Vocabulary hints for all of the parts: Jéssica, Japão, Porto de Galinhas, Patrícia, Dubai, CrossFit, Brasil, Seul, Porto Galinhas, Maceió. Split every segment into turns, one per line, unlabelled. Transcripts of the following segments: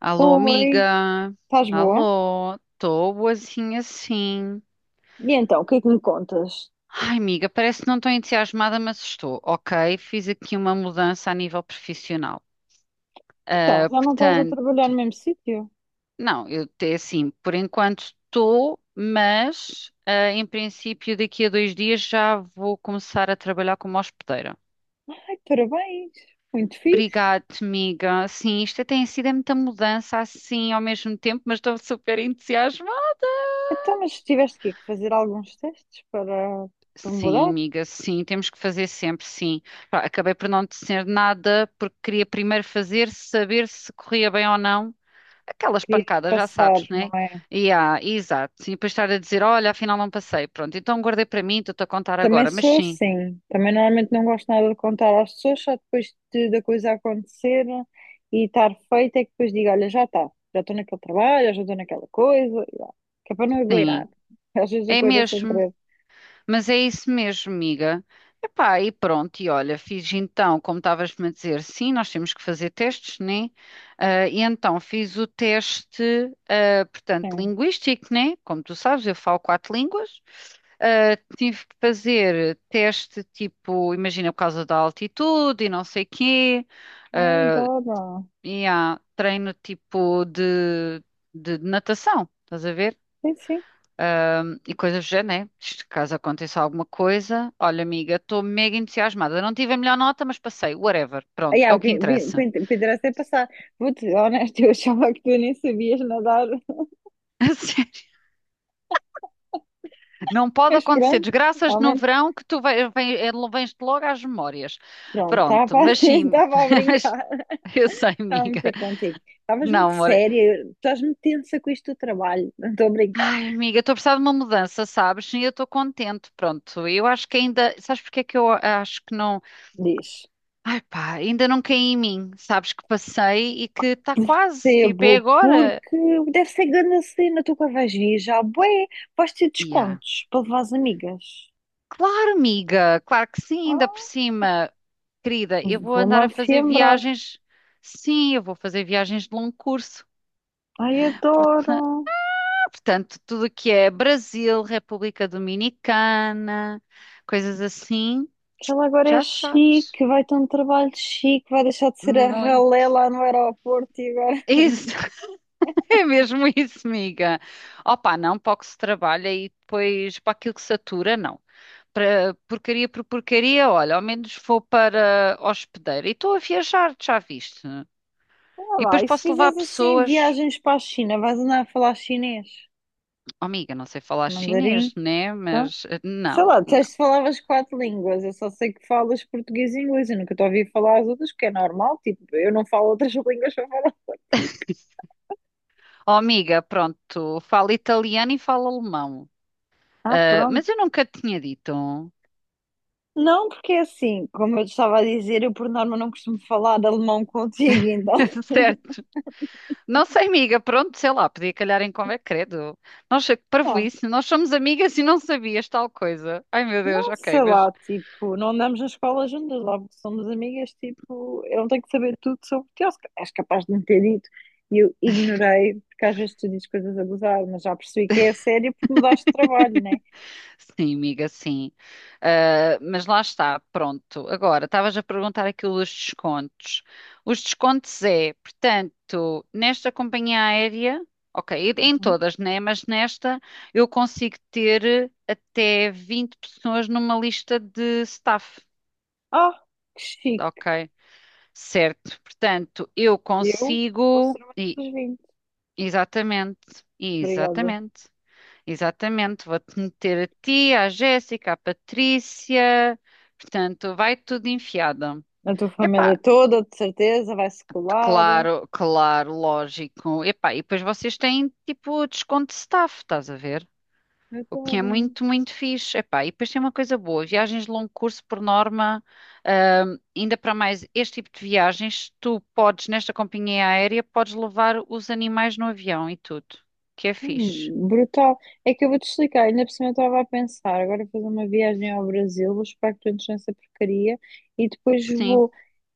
Alô,
Oi,
amiga.
estás boa?
Alô, estou boazinha sim.
E então, o que é que me contas?
Ai, amiga, parece que não estou entusiasmada, mas estou. Ok, fiz aqui uma mudança a nível profissional.
Então,
Ah,
já não estás a
portanto,
trabalhar no mesmo sítio?
não, eu até assim, por enquanto estou, mas ah, em princípio daqui a 2 dias já vou começar a trabalhar como hospedeira.
Ai, parabéns, muito fixe.
Obrigada, amiga. Sim, isto tem sido é muita mudança assim ao mesmo tempo, mas estou super entusiasmada.
Então, mas tiveste que fazer alguns testes para, para
Sim,
mudar?
amiga, sim, temos que fazer sempre, sim. Pá, acabei por não dizer nada porque queria primeiro fazer, saber se corria bem ou não. Aquelas
Querias
pancadas, já
passar,
sabes,
não
né?
é?
E ah, exato. E depois estar a dizer, olha, afinal não passei. Pronto, então guardei para mim, estou-te a contar
Também
agora. Mas
sou
sim,
assim, também normalmente não gosto nada de contar às pessoas, só depois de, da coisa acontecer e estar feita é que depois digo, olha, já está, já estou naquele trabalho, já estou naquela coisa, e lá. Que é para não
sim,
agoirar. Às vezes
é
agoira sem
mesmo.
querer.
Mas é isso mesmo, amiga. Epá, e pronto, e olha, fiz então, como estavas-me a dizer, sim, nós temos que fazer testes, né? Ah, e então fiz o teste, ah, portanto,
É.
linguístico, né? Como tu sabes, eu falo quatro línguas. Ah, tive que fazer teste, tipo, imagina, por causa da altitude e não sei quê.
Ai,
Ah,
adoro.
e há treino tipo de natação, estás a ver?
Sim, sim.
E coisas do género, né? Isto, caso aconteça alguma coisa, olha, amiga, estou mega entusiasmada. Não tive a melhor nota, mas passei, whatever.
Ah,
Pronto,
yeah,
é o
o
que
que o que-
interessa.
o que interessa é passar. Vou-te honesto, eu achava que tu nem sabias nadar,
A sério. Não pode
mas
acontecer
pronto,
desgraças
ao
no
menos,
verão que tu vens-te logo às memórias.
pronto,
Pronto,
estava
mas sim,
estava a
mas
brincar,
eu sei,
estava a
amiga.
meter contigo. Estavas
Não,
muito
amor.
séria, estás muito tensa com isto do trabalho, não estou a brincar.
Ai, amiga, estou a precisar de uma mudança, sabes? E eu estou contente. Pronto, eu acho que ainda. Sabes porque é que eu acho que não.
Diz,
Ai pá, ainda não caí em mim. Sabes que passei e que está quase, tipo, é
sebo,
agora.
porque deve ser grande a cena, tu que vais vir já, bué, vais ter
E há.
descontos para levar as amigas.
Claro, amiga, claro que sim, ainda por
Ah,
cima. Querida, eu vou
vou-me
andar a fazer
afiembrar.
viagens. Sim, eu vou fazer viagens de longo curso.
Ai,
Por-
adoro.
Portanto, tudo o que é Brasil, República Dominicana, coisas assim,
Que ela agora é
já sabes.
chique, vai ter um trabalho chique, vai deixar de ser a
Muito.
ralé lá no aeroporto e agora.
Isso, é mesmo isso, amiga. Opa, não, para o que se trabalha e depois para aquilo que satura, não. Para porcaria por porcaria, olha, ao menos vou para hospedeiro. E estou a viajar, já viste?
Olha
E
lá,
depois
e se
posso levar
fizeres assim
pessoas.
viagens para a China, vais andar a falar chinês,
Oh, amiga, não sei falar
mandarim,
chinês, né?
tá?
Mas eh,
Sei
não,
lá,
não.
disseste que falavas quatro línguas, eu só sei que falas português e inglês, eu nunca te ouvi falar as outras, porque é normal, tipo, eu não falo outras línguas para falar.
Oh, amiga, pronto, fala italiano e fala alemão.
Ah,
Ah, mas
pronto.
eu nunca te tinha dito.
Não, porque é assim, como eu te estava a dizer, eu por norma não costumo falar alemão contigo, então.
Certo. Não sei, amiga, pronto, sei lá, podia calhar em convém, credo. Nossa, que parvoíce, nós somos amigas e não sabias tal coisa. Ai, meu Deus,
Não,
ok,
sei
mas.
lá, tipo, não andamos na escola juntas, logo que somos amigas, tipo, eu não tenho que saber tudo sobre ti, ou se és capaz de me ter dito, e eu ignorei, porque às vezes tu dizes coisas a gozar, mas já percebi que é a sério porque mudaste de trabalho, né?
Sim, amiga, sim. Ah, mas lá está, pronto. Agora, estavas a perguntar aquilo dos descontos. Os descontos é, portanto, nesta companhia aérea, ok, em
Uhum.
todas, né? Mas nesta eu consigo ter até 20 pessoas numa lista de staff,
Ah, que chique,
ok? Certo. Portanto, eu
eu vou ser
consigo.
uma das vinte,
Exatamente,
obrigada.
exatamente. Exatamente, vou-te meter a ti, à Jéssica, à Patrícia, portanto, vai tudo enfiado.
A tua família
Epá,
toda, de certeza, vai-se colar,
claro, claro, lógico. Epá, e depois vocês têm tipo desconto de staff, estás a ver? O que é
adoro.
muito, muito fixe. Epá, e depois tem uma coisa boa, viagens de longo curso, por norma, ainda para mais este tipo de viagens, tu podes, nesta companhia aérea, podes levar os animais no avião e tudo, que é fixe.
Brutal. É que eu vou-te explicar, ainda por cima eu estava a pensar, agora vou fazer uma viagem ao Brasil, vou esperar que tu entres nessa porcaria e depois
Sim,
vou.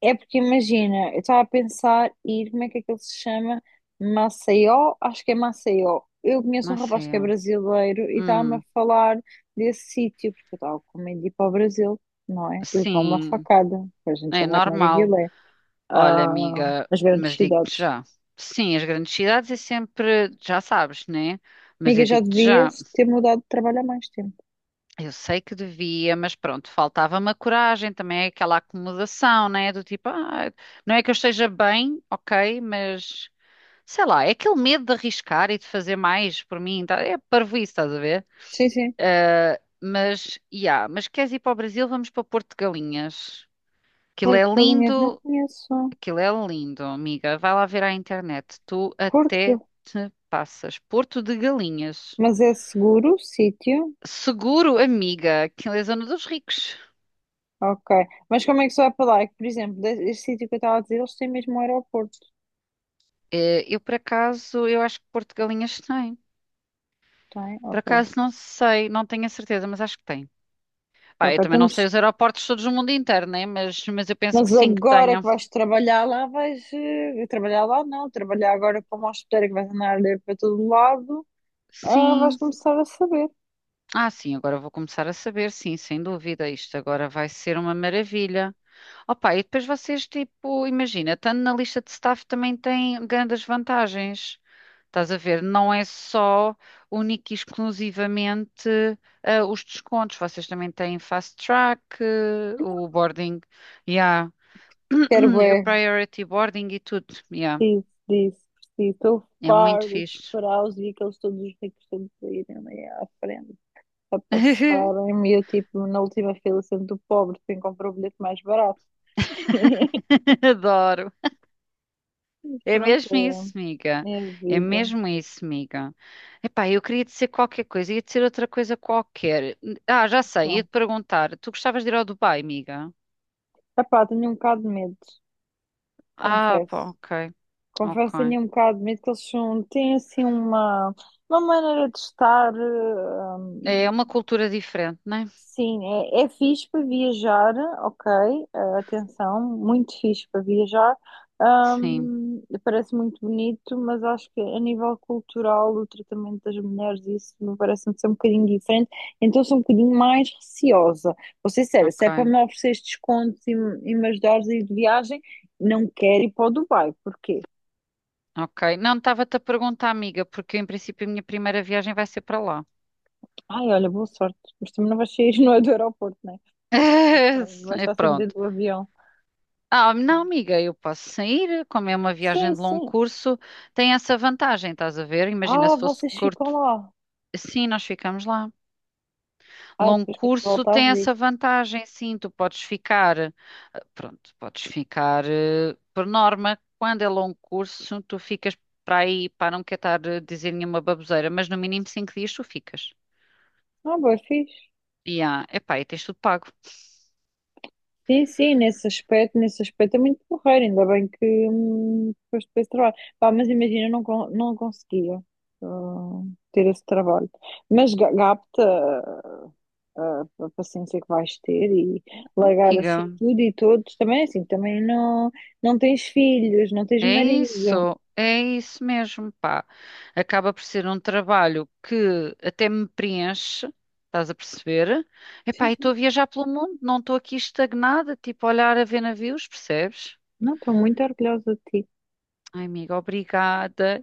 É porque imagina, eu estava a pensar ir, como é que aquilo se chama? Maceió? Acho que é Maceió. Eu conheço um rapaz que é
Maceió.
brasileiro e estava-me a
Hum.
falar desse sítio, porque eu estava com medo de ir para o Brasil, não é? E levar uma
Sim,
facada, pois a gente
é
já sabe como é que
normal.
aquilo é.
Olha,
Ah,
amiga,
as grandes
mas digo-te
cidades.
já. Sim, as grandes cidades é sempre, já sabes, né? Mas
Amiga,
eu
já
digo-te já,
devias ter mudado de trabalho há mais tempo.
eu sei que devia, mas pronto, faltava-me a coragem, também é aquela acomodação, né? Do tipo, ah, não é que eu esteja bem, ok, mas sei lá, é aquele medo de arriscar e de fazer mais por mim, tá? É parvoíce, estás a ver?
Sim, sim.
Ah, mas, yeah, mas queres ir para o Brasil, vamos para Porto de Galinhas. Aquilo é
Porto Galinhas não
lindo.
conheço.
Aquilo é lindo, amiga. Vai lá ver à internet. Tu
Porto
até
Gal-
te passas. Porto de Galinhas.
Mas é seguro o sítio?
Seguro, amiga. Aquilo é a zona dos ricos.
Ok. Mas como é que se vai para lá? É que, por exemplo, este sítio que eu estava a dizer, eles têm mesmo um aeroporto.
Eh, eu, por acaso, eu acho que Porto de Galinhas tem.
Tem?
Por
Ok.
acaso, não sei, não tenho a certeza, mas acho que tem. Pá,
Ok,
eu também não sei
temos...
os aeroportos todos no mundo inteiro, né? Mas eu penso
Mas
que sim, que
agora
tenham.
que vais trabalhar lá, vais... trabalhar lá não. Trabalhar agora como hospedeira que vais andar a ler para todo lado, ah, vais
Sim.
começar a saber.
Ah, sim, agora vou começar a saber, sim, sem dúvida. Isto agora vai ser uma maravilha. Opa, e depois vocês, tipo, imagina, estando na lista de staff também tem grandes vantagens. Estás a ver? Não é só única e exclusivamente ah, os descontos. Vocês também têm fast track, eh, o boarding, yeah.
Quero
O
bué.
priority boarding e tudo. Yeah.
Preciso disso. Preciso. Estou
É muito
farta de
fixe.
esperar os dias que eles todos os ricos todos irem ali à frente, a passarem-me e tipo, na última fila sendo o pobre, quem comprou o bilhete mais barato.
Adoro.
Mas
É mesmo isso,
pronto,
amiga.
é, é a
É
vida.
mesmo isso, amiga. Epá, eu queria dizer qualquer coisa, ia dizer outra coisa qualquer. Ah, já sei, ia
Então,
te perguntar. Tu gostavas de ir ao Dubai, amiga?
epá, tenho um bocado de medo,
Ah, pá,
confesso.
ok,
Confesso,
ok.
tenho um bocado de medo que eles são, têm assim uma maneira de estar
É uma cultura diferente, não é?
sim, é, é fixe para viajar, ok, atenção, muito fixe para viajar.
Sim,
Parece muito bonito, mas acho que a nível cultural, o tratamento das mulheres, isso me parece-me ser um bocadinho diferente, então sou um bocadinho mais receosa. Vou ser sério, se
ok,
é para me ofereceres descontos e, e me ajudares a ir de viagem, não quero ir para o Dubai, porquê?
ok. Não, estava-te a perguntar, amiga, porque em princípio a minha primeira viagem vai ser para lá.
Ai, olha, boa sorte, mas também não vais sair, não é, do aeroporto, né? Vai
É
estar sempre dentro
pronto.
do avião.
Ah, não, amiga, eu posso sair, como é uma viagem
Sim,
de longo
sim.
curso, tem essa vantagem, estás a ver? Imagina
Ah,
se fosse.
vocês ficam lá.
Sim, nós ficamos lá.
Ah,
Longo
depois quando
curso
voltares
tem essa
disso.
vantagem, sim, tu podes ficar, eh, pronto, podes ficar, eh, por norma, quando é longo curso, tu ficas para aí, para não quer estar a dizer nenhuma baboseira, mas no mínimo 5 dias tu ficas.
Ah, bem fixe.
E ah, epá, e tens tudo pago.
Sim, sim, nesse aspecto é muito porreiro, ainda bem que depois trabalho. Pá, mas imagina, eu não, não conseguia ter esse trabalho. Mas gapta ah, a paciência que vais ter e
Oh,
largar
amiga.
assim tudo e todos também, assim, também não, não tens filhos, não tens marido.
É isso mesmo, pá. Acaba por ser um trabalho que até me preenche, estás a perceber?
Sim,
Epá, e estou a
sim.
viajar pelo mundo, não estou aqui estagnada, tipo a olhar a ver navios, percebes?
Não, estou muito orgulhosa de ti.
Ai, amiga, obrigada.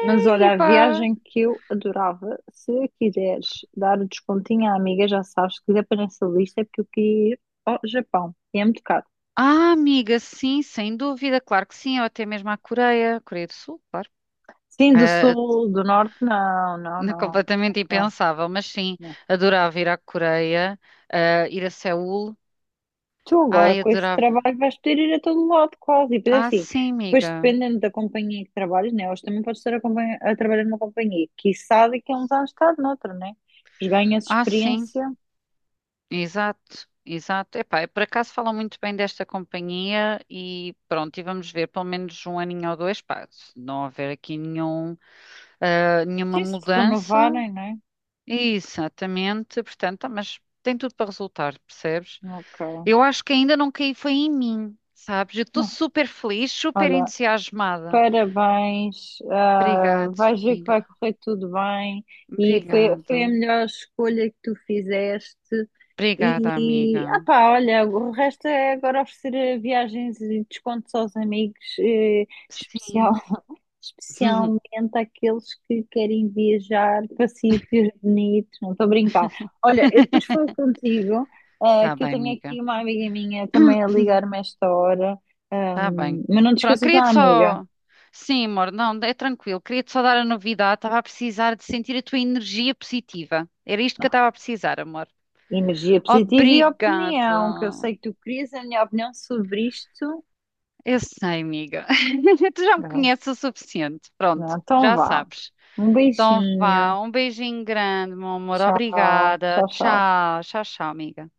Mas olha, a
pá.
viagem que eu adorava, se quiseres dar o descontinho à amiga, já sabes, que quiser para nessa lista, é porque eu queria ir ao Japão. E é muito caro.
Ah, amiga, sim, sem dúvida, claro que sim, ou até mesmo à Coreia, Coreia do Sul, claro.
Sim, do
Ah,
sul, do norte, não, não, não.
completamente
Não,
impensável, mas sim,
não.
adorava ir à Coreia, ah, ir a Seul.
Tu agora,
Ai,
com este
adorava.
trabalho, vais poder ir a todo lado, quase. E depois, é
Ah,
assim,
sim,
depois
amiga.
dependendo da companhia que trabalhas, né? Hoje também podes estar a, a trabalhar numa companhia que sabe que há uns anos está noutra, né? Pois ganhas
Ah, sim,
experiência.
exato, exato. Epá, eu por acaso falam muito bem desta companhia e pronto, e vamos ver pelo menos um aninho ou dois, pá, se não houver aqui nenhum, ah, nenhuma
Sim, se te
mudança.
renovarem, né?
Exatamente, portanto, ah, mas tem tudo para resultar, percebes?
Ok.
Eu acho que ainda não caí, foi em mim, sabes? Eu estou
Não,
super feliz, super
olha.
entusiasmada.
Parabéns, ah,
Obrigado,
vais ver que vai
amiga.
correr tudo bem e foi, foi a
Obrigado.
melhor escolha que tu fizeste.
Obrigada,
E,
amiga.
ah pá, olha, o resto é agora oferecer viagens e descontos aos amigos, especial,
Sim.
especialmente àqueles que querem viajar para sítios bonitos. Não estou a brincar. Olha, eu depois falo contigo, ah,
Tá
que eu
bem,
tenho
amiga.
aqui uma amiga minha também a ligar-me a esta hora. Ah,
Tá bem.
mas não te
Pronto,
esqueças da
queria-te
amiga.
só. Sim, amor, não, é tranquilo. Queria-te só dar a novidade. Estava a precisar de sentir a tua energia positiva. Era isto que eu estava a precisar, amor.
Energia positiva e
Obrigada.
opinião, que eu sei que tu querias a minha opinião sobre isto.
Eu sei, amiga. Tu já me
Não,
conheces o suficiente.
não,
Pronto,
então
já
vá.
sabes.
Um
Então
beijinho.
vá, um beijinho grande, meu amor.
Tchau,
Obrigada.
tchau, tchau.
Tchau, tchau, tchau, amiga.